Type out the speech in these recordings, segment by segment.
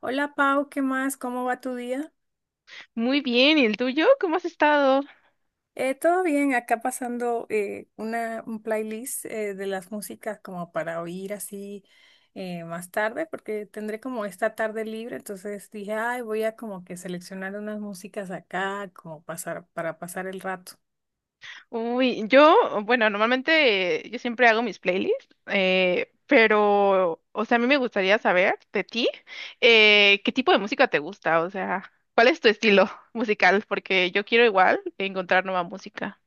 Hola Pau, ¿qué más? ¿Cómo va tu día? Muy bien, ¿y el tuyo? ¿Cómo has estado? Todo bien, acá pasando un playlist de las músicas como para oír así más tarde, porque tendré como esta tarde libre, entonces dije, ay, voy a como que seleccionar unas músicas acá, como pasar, para pasar el rato. Uy, yo, bueno, normalmente yo siempre hago mis playlists, pero, o sea, a mí me gustaría saber de ti, ¿qué tipo de música te gusta? O sea, ¿cuál es tu estilo musical? Porque yo quiero igual encontrar nueva música.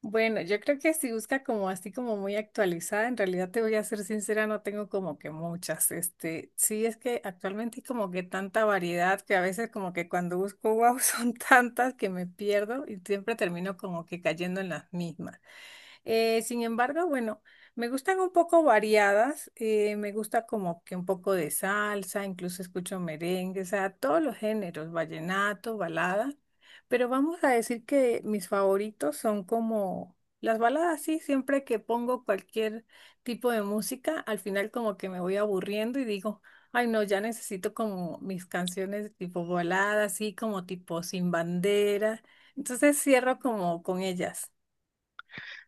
Bueno, yo creo que si busca como así como muy actualizada, en realidad te voy a ser sincera, no tengo como que muchas. Este, sí es que actualmente hay como que tanta variedad que a veces como que cuando busco wow son tantas que me pierdo y siempre termino como que cayendo en las mismas. Sin embargo, bueno, me gustan un poco variadas, me gusta como que un poco de salsa, incluso escucho merengue, o sea, todos los géneros, vallenato, balada, pero vamos a decir que mis favoritos son como las baladas, sí, siempre que pongo cualquier tipo de música, al final como que me voy aburriendo y digo, ay no, ya necesito como mis canciones tipo balada, así como tipo sin bandera, entonces cierro como con ellas.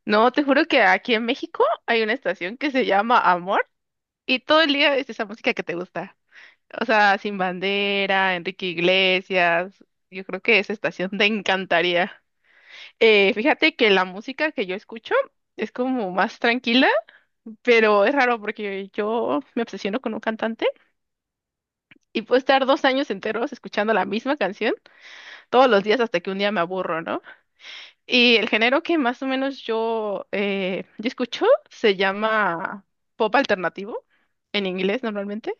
No, te juro que aquí en México hay una estación que se llama Amor y todo el día es esa música que te gusta. O sea, Sin Bandera, Enrique Iglesias, yo creo que esa estación te encantaría. Fíjate que la música que yo escucho es como más tranquila, pero es raro porque yo me obsesiono con un cantante y puedo estar 2 años enteros escuchando la misma canción todos los días hasta que un día me aburro, ¿no? Y el género que más o menos yo escucho se llama pop alternativo, en inglés normalmente.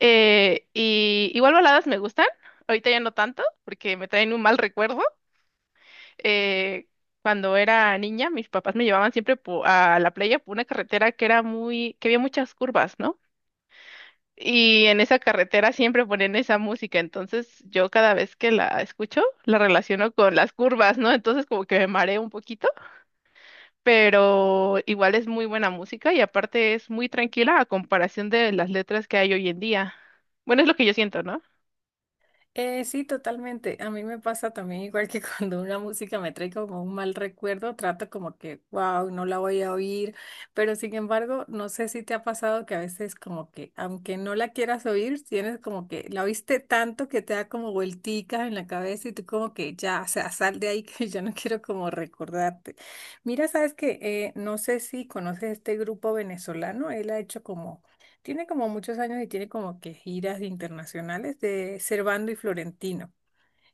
Y igual baladas me gustan, ahorita ya no tanto porque me traen un mal recuerdo. eh, Cuando era niña, mis papás me llevaban siempre a la playa por una carretera que había muchas curvas, ¿no? Y en esa carretera siempre ponían esa música, entonces yo cada vez que la escucho la relaciono con las curvas, ¿no? Entonces como que me mareo un poquito, pero igual es muy buena música y aparte es muy tranquila a comparación de las letras que hay hoy en día. Bueno, es lo que yo siento, ¿no? Sí, totalmente. A mí me pasa también igual que cuando una música me trae como un mal recuerdo, trato como que, wow, no la voy a oír, pero sin embargo, no sé si te ha pasado que a veces como que, aunque no la quieras oír, tienes como que la oíste tanto que te da como vuelticas en la cabeza y tú como que ya, o sea, sal de ahí que yo no quiero como recordarte. Mira, sabes que no sé si conoces este grupo venezolano, él ha hecho como tiene como muchos años y tiene como que giras internacionales de Servando y Florentino.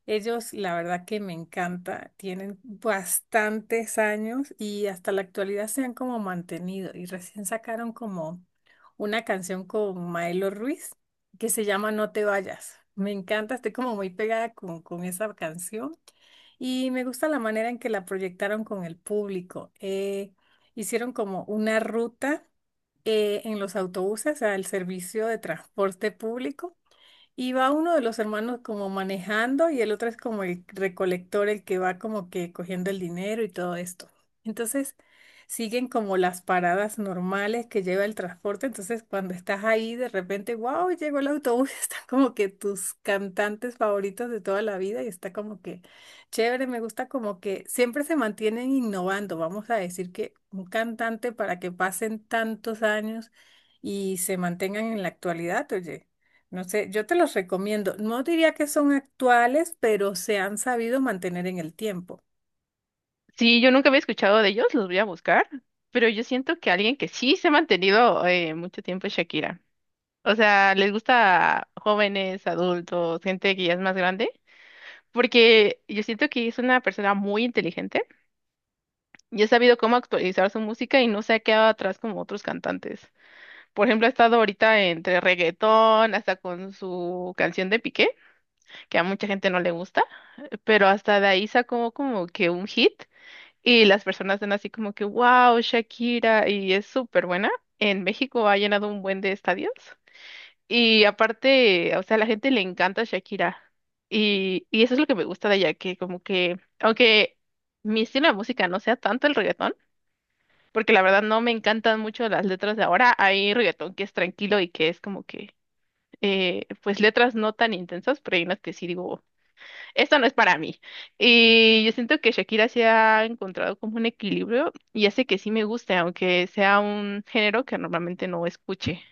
Ellos, la verdad que me encanta, tienen bastantes años y hasta la actualidad se han como mantenido y recién sacaron como una canción con Maelo Ruiz que se llama No te vayas. Me encanta, estoy como muy pegada con esa canción y me gusta la manera en que la proyectaron con el público. Hicieron como una ruta en los autobuses al servicio de transporte público. Y va uno de los hermanos como manejando y el otro es como el recolector, el que va como que cogiendo el dinero y todo esto. Entonces siguen como las paradas normales que lleva el transporte. Entonces cuando estás ahí de repente, wow, llegó el autobús, están como que tus cantantes favoritos de toda la vida y está como que chévere, me gusta como que siempre se mantienen innovando. Vamos a decir que un cantante para que pasen tantos años y se mantengan en la actualidad, oye. No sé, yo te los recomiendo. No diría que son actuales, pero se han sabido mantener en el tiempo. Sí, yo nunca había escuchado de ellos, los voy a buscar, pero yo siento que alguien que sí se ha mantenido mucho tiempo es Shakira. O sea, les gusta jóvenes, adultos, gente que ya es más grande, porque yo siento que es una persona muy inteligente y ha sabido cómo actualizar su música y no se ha quedado atrás como otros cantantes. Por ejemplo, ha estado ahorita entre reggaetón, hasta con su canción de Piqué, que a mucha gente no le gusta, pero hasta de ahí sacó como que un hit. Y las personas dan así como que, wow, Shakira, y es súper buena. En México ha llenado un buen de estadios. Y aparte, o sea, a la gente le encanta Shakira. Y eso es lo que me gusta de ella, que como que, aunque mi estilo de música no sea tanto el reggaetón, porque la verdad no me encantan mucho las letras de ahora, hay reggaetón que es tranquilo y que es como que, pues letras no tan intensas, pero hay unas que sí digo esto no es para mí. Y yo siento que Shakira se ha encontrado como un equilibrio y hace que sí me guste, aunque sea un género que normalmente no escuche.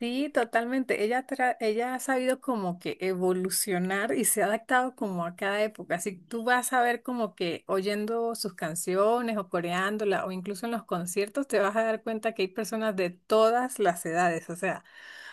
Sí, totalmente. Ella ha sabido como que evolucionar y se ha adaptado como a cada época. Así que tú vas a ver como que oyendo sus canciones o coreándola o incluso en los conciertos te vas a dar cuenta que hay personas de todas las edades. O sea,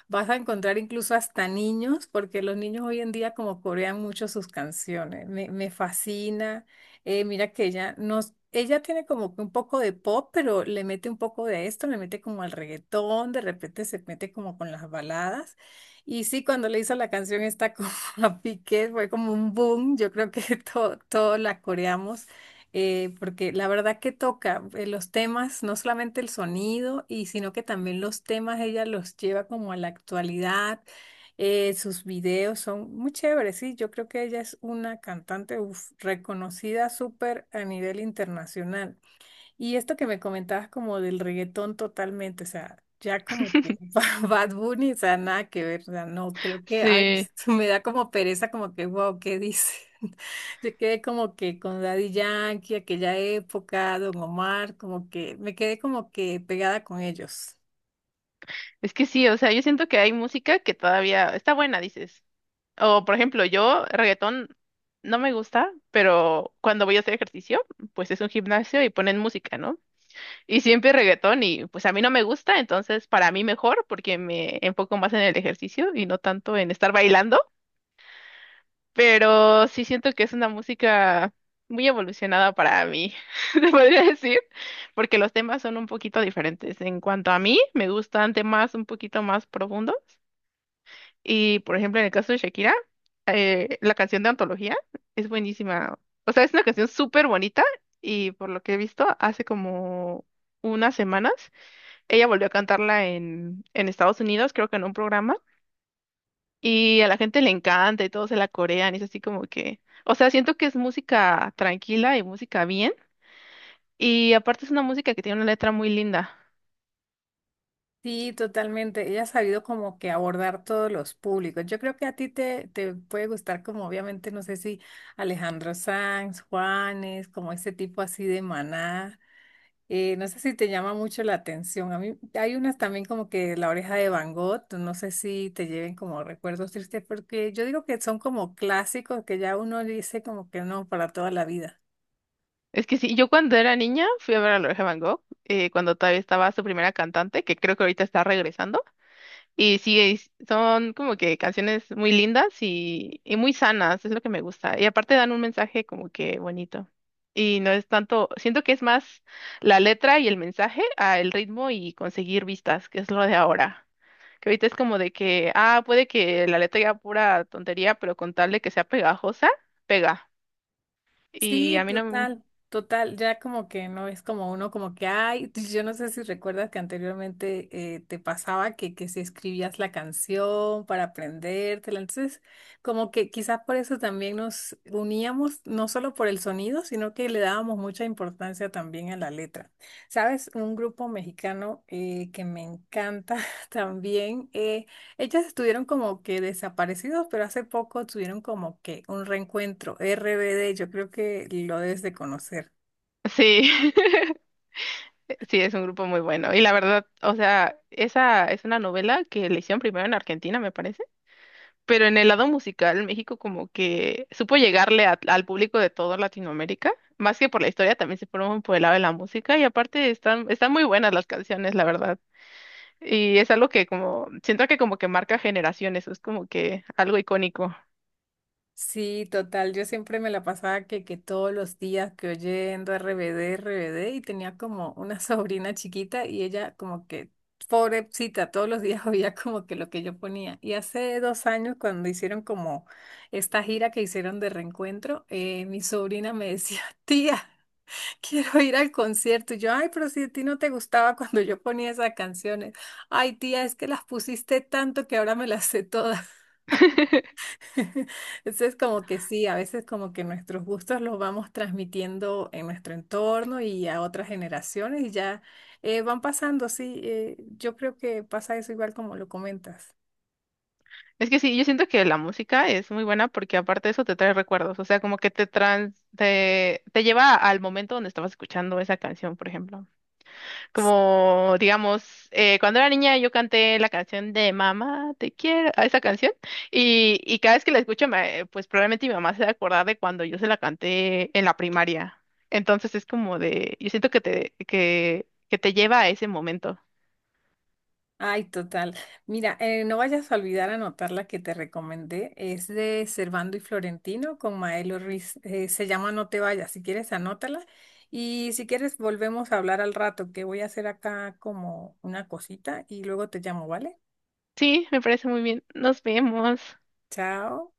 vas a encontrar incluso hasta niños, porque los niños hoy en día como corean mucho sus canciones. Me fascina. Mira que ella tiene como que un poco de pop, pero le mete un poco de esto, le mete como al reggaetón, de repente se mete como con las baladas. Y sí, cuando le hizo la canción esta como a Piqué, fue como un boom. Yo creo que todo la coreamos porque la verdad que toca los temas, no solamente el sonido, y sino que también los temas ella los lleva como a la actualidad. Sus videos son muy chéveres, sí, yo creo que ella es una cantante uf, reconocida súper a nivel internacional. Y esto que me comentabas como del reggaetón totalmente, o sea, ya como que Bad Bunny, o sea, nada que ver, o sea, no, creo que, ay, Sí, me da como pereza, como que, wow, ¿qué dice? Yo quedé como que con Daddy Yankee, aquella época, Don Omar, como que, me quedé como que pegada con ellos. es que sí, o sea, yo siento que hay música que todavía está buena, dices. O por ejemplo, yo reggaetón no me gusta, pero cuando voy a hacer ejercicio, pues es un gimnasio y ponen música, ¿no? Y siempre reggaetón y pues a mí no me gusta, entonces para mí mejor porque me enfoco más en el ejercicio y no tanto en estar bailando. Pero sí siento que es una música muy evolucionada para mí, se podría decir, porque los temas son un poquito diferentes. En cuanto a mí, me gustan temas un poquito más profundos y, por ejemplo, en el caso de Shakira, la canción de Antología es buenísima. O sea, es una canción súper bonita y por lo que he visto, hace como unas semanas, ella volvió a cantarla en Estados Unidos, creo que en un programa. Y a la gente le encanta y todos se la corean, y es así como que, o sea, siento que es música tranquila y música bien, y aparte es una música que tiene una letra muy linda. Sí, totalmente, ella ha sabido como que abordar todos los públicos. Yo creo que a ti te puede gustar como obviamente, no sé si Alejandro Sanz, Juanes, como ese tipo así de Maná. No sé si te llama mucho la atención. A mí hay unas también como que La oreja de Van Gogh, no sé si te lleven como recuerdos tristes, porque yo digo que son como clásicos que ya uno dice como que no para toda la vida. Es que sí, yo cuando era niña fui a ver a Loreja Van Gogh, cuando todavía estaba su primera cantante, que creo que ahorita está regresando, y sí, son como que canciones muy lindas y muy sanas, es lo que me gusta, y aparte dan un mensaje como que bonito. Y no es tanto, siento que es más la letra y el mensaje a el ritmo y conseguir vistas, que es lo de ahora. Que ahorita es como de que, ah, puede que la letra diga pura tontería, pero con tal de que sea pegajosa, pega. Y Sí, a mí no... m- total, total. Ya como que no es como uno, como que, ay, yo no sé si recuerdas que anteriormente te pasaba que si escribías la canción para aprendértela. Entonces, como que quizás por eso también nos uníamos, no solo por el sonido, sino que le dábamos mucha importancia también a la letra. ¿Sabes? Un grupo mexicano que me encanta también. Ellas estuvieron como que desaparecidos, pero hace poco tuvieron como que un reencuentro. RBD, yo creo que lo debes de conocer. Sí, sí, es un grupo muy bueno. Y la verdad, o sea, esa es una novela que le hicieron primero en Argentina, me parece. Pero en el lado musical, México como que supo llegarle al público de toda Latinoamérica. Más que por la historia, también se fueron por el lado de la música. Y aparte están muy buenas las canciones, la verdad. Y es algo que como, siento que como que marca generaciones, es como que algo icónico. Sí, total, yo siempre me la pasaba que todos los días que oyendo RBD, y tenía como una sobrina chiquita y ella como que, pobrecita, todos los días oía como que lo que yo ponía. Y hace 2 años cuando hicieron como esta gira que hicieron de reencuentro, mi sobrina me decía, tía. Quiero ir al concierto. Y yo, ay, pero si a ti no te gustaba cuando yo ponía esas canciones. Ay, tía, es que las pusiste tanto que ahora me las sé todas. Entonces, como que sí, a veces como que nuestros gustos los vamos transmitiendo en nuestro entorno y a otras generaciones y ya van pasando, sí. Yo creo que pasa eso igual como lo comentas. Es que sí, yo siento que la música es muy buena porque aparte de eso te trae recuerdos, o sea, como que te lleva al momento donde estabas escuchando esa canción, por ejemplo. Como, digamos, cuando era niña yo canté la canción de Mamá, te quiero, a esa canción, y cada vez que la escucho, pues probablemente mi mamá se va a acordar de cuando yo se la canté en la primaria. Entonces es como de, yo siento que que te lleva a ese momento. Ay, total. Mira, no vayas a olvidar anotar la que te recomendé. Es de Servando y Florentino con Maelo Ruiz. Se llama No te vayas. Si quieres, anótala. Y si quieres, volvemos a hablar al rato, que voy a hacer acá como una cosita y luego te llamo, ¿vale? Sí, me parece muy bien. Nos vemos. Chao.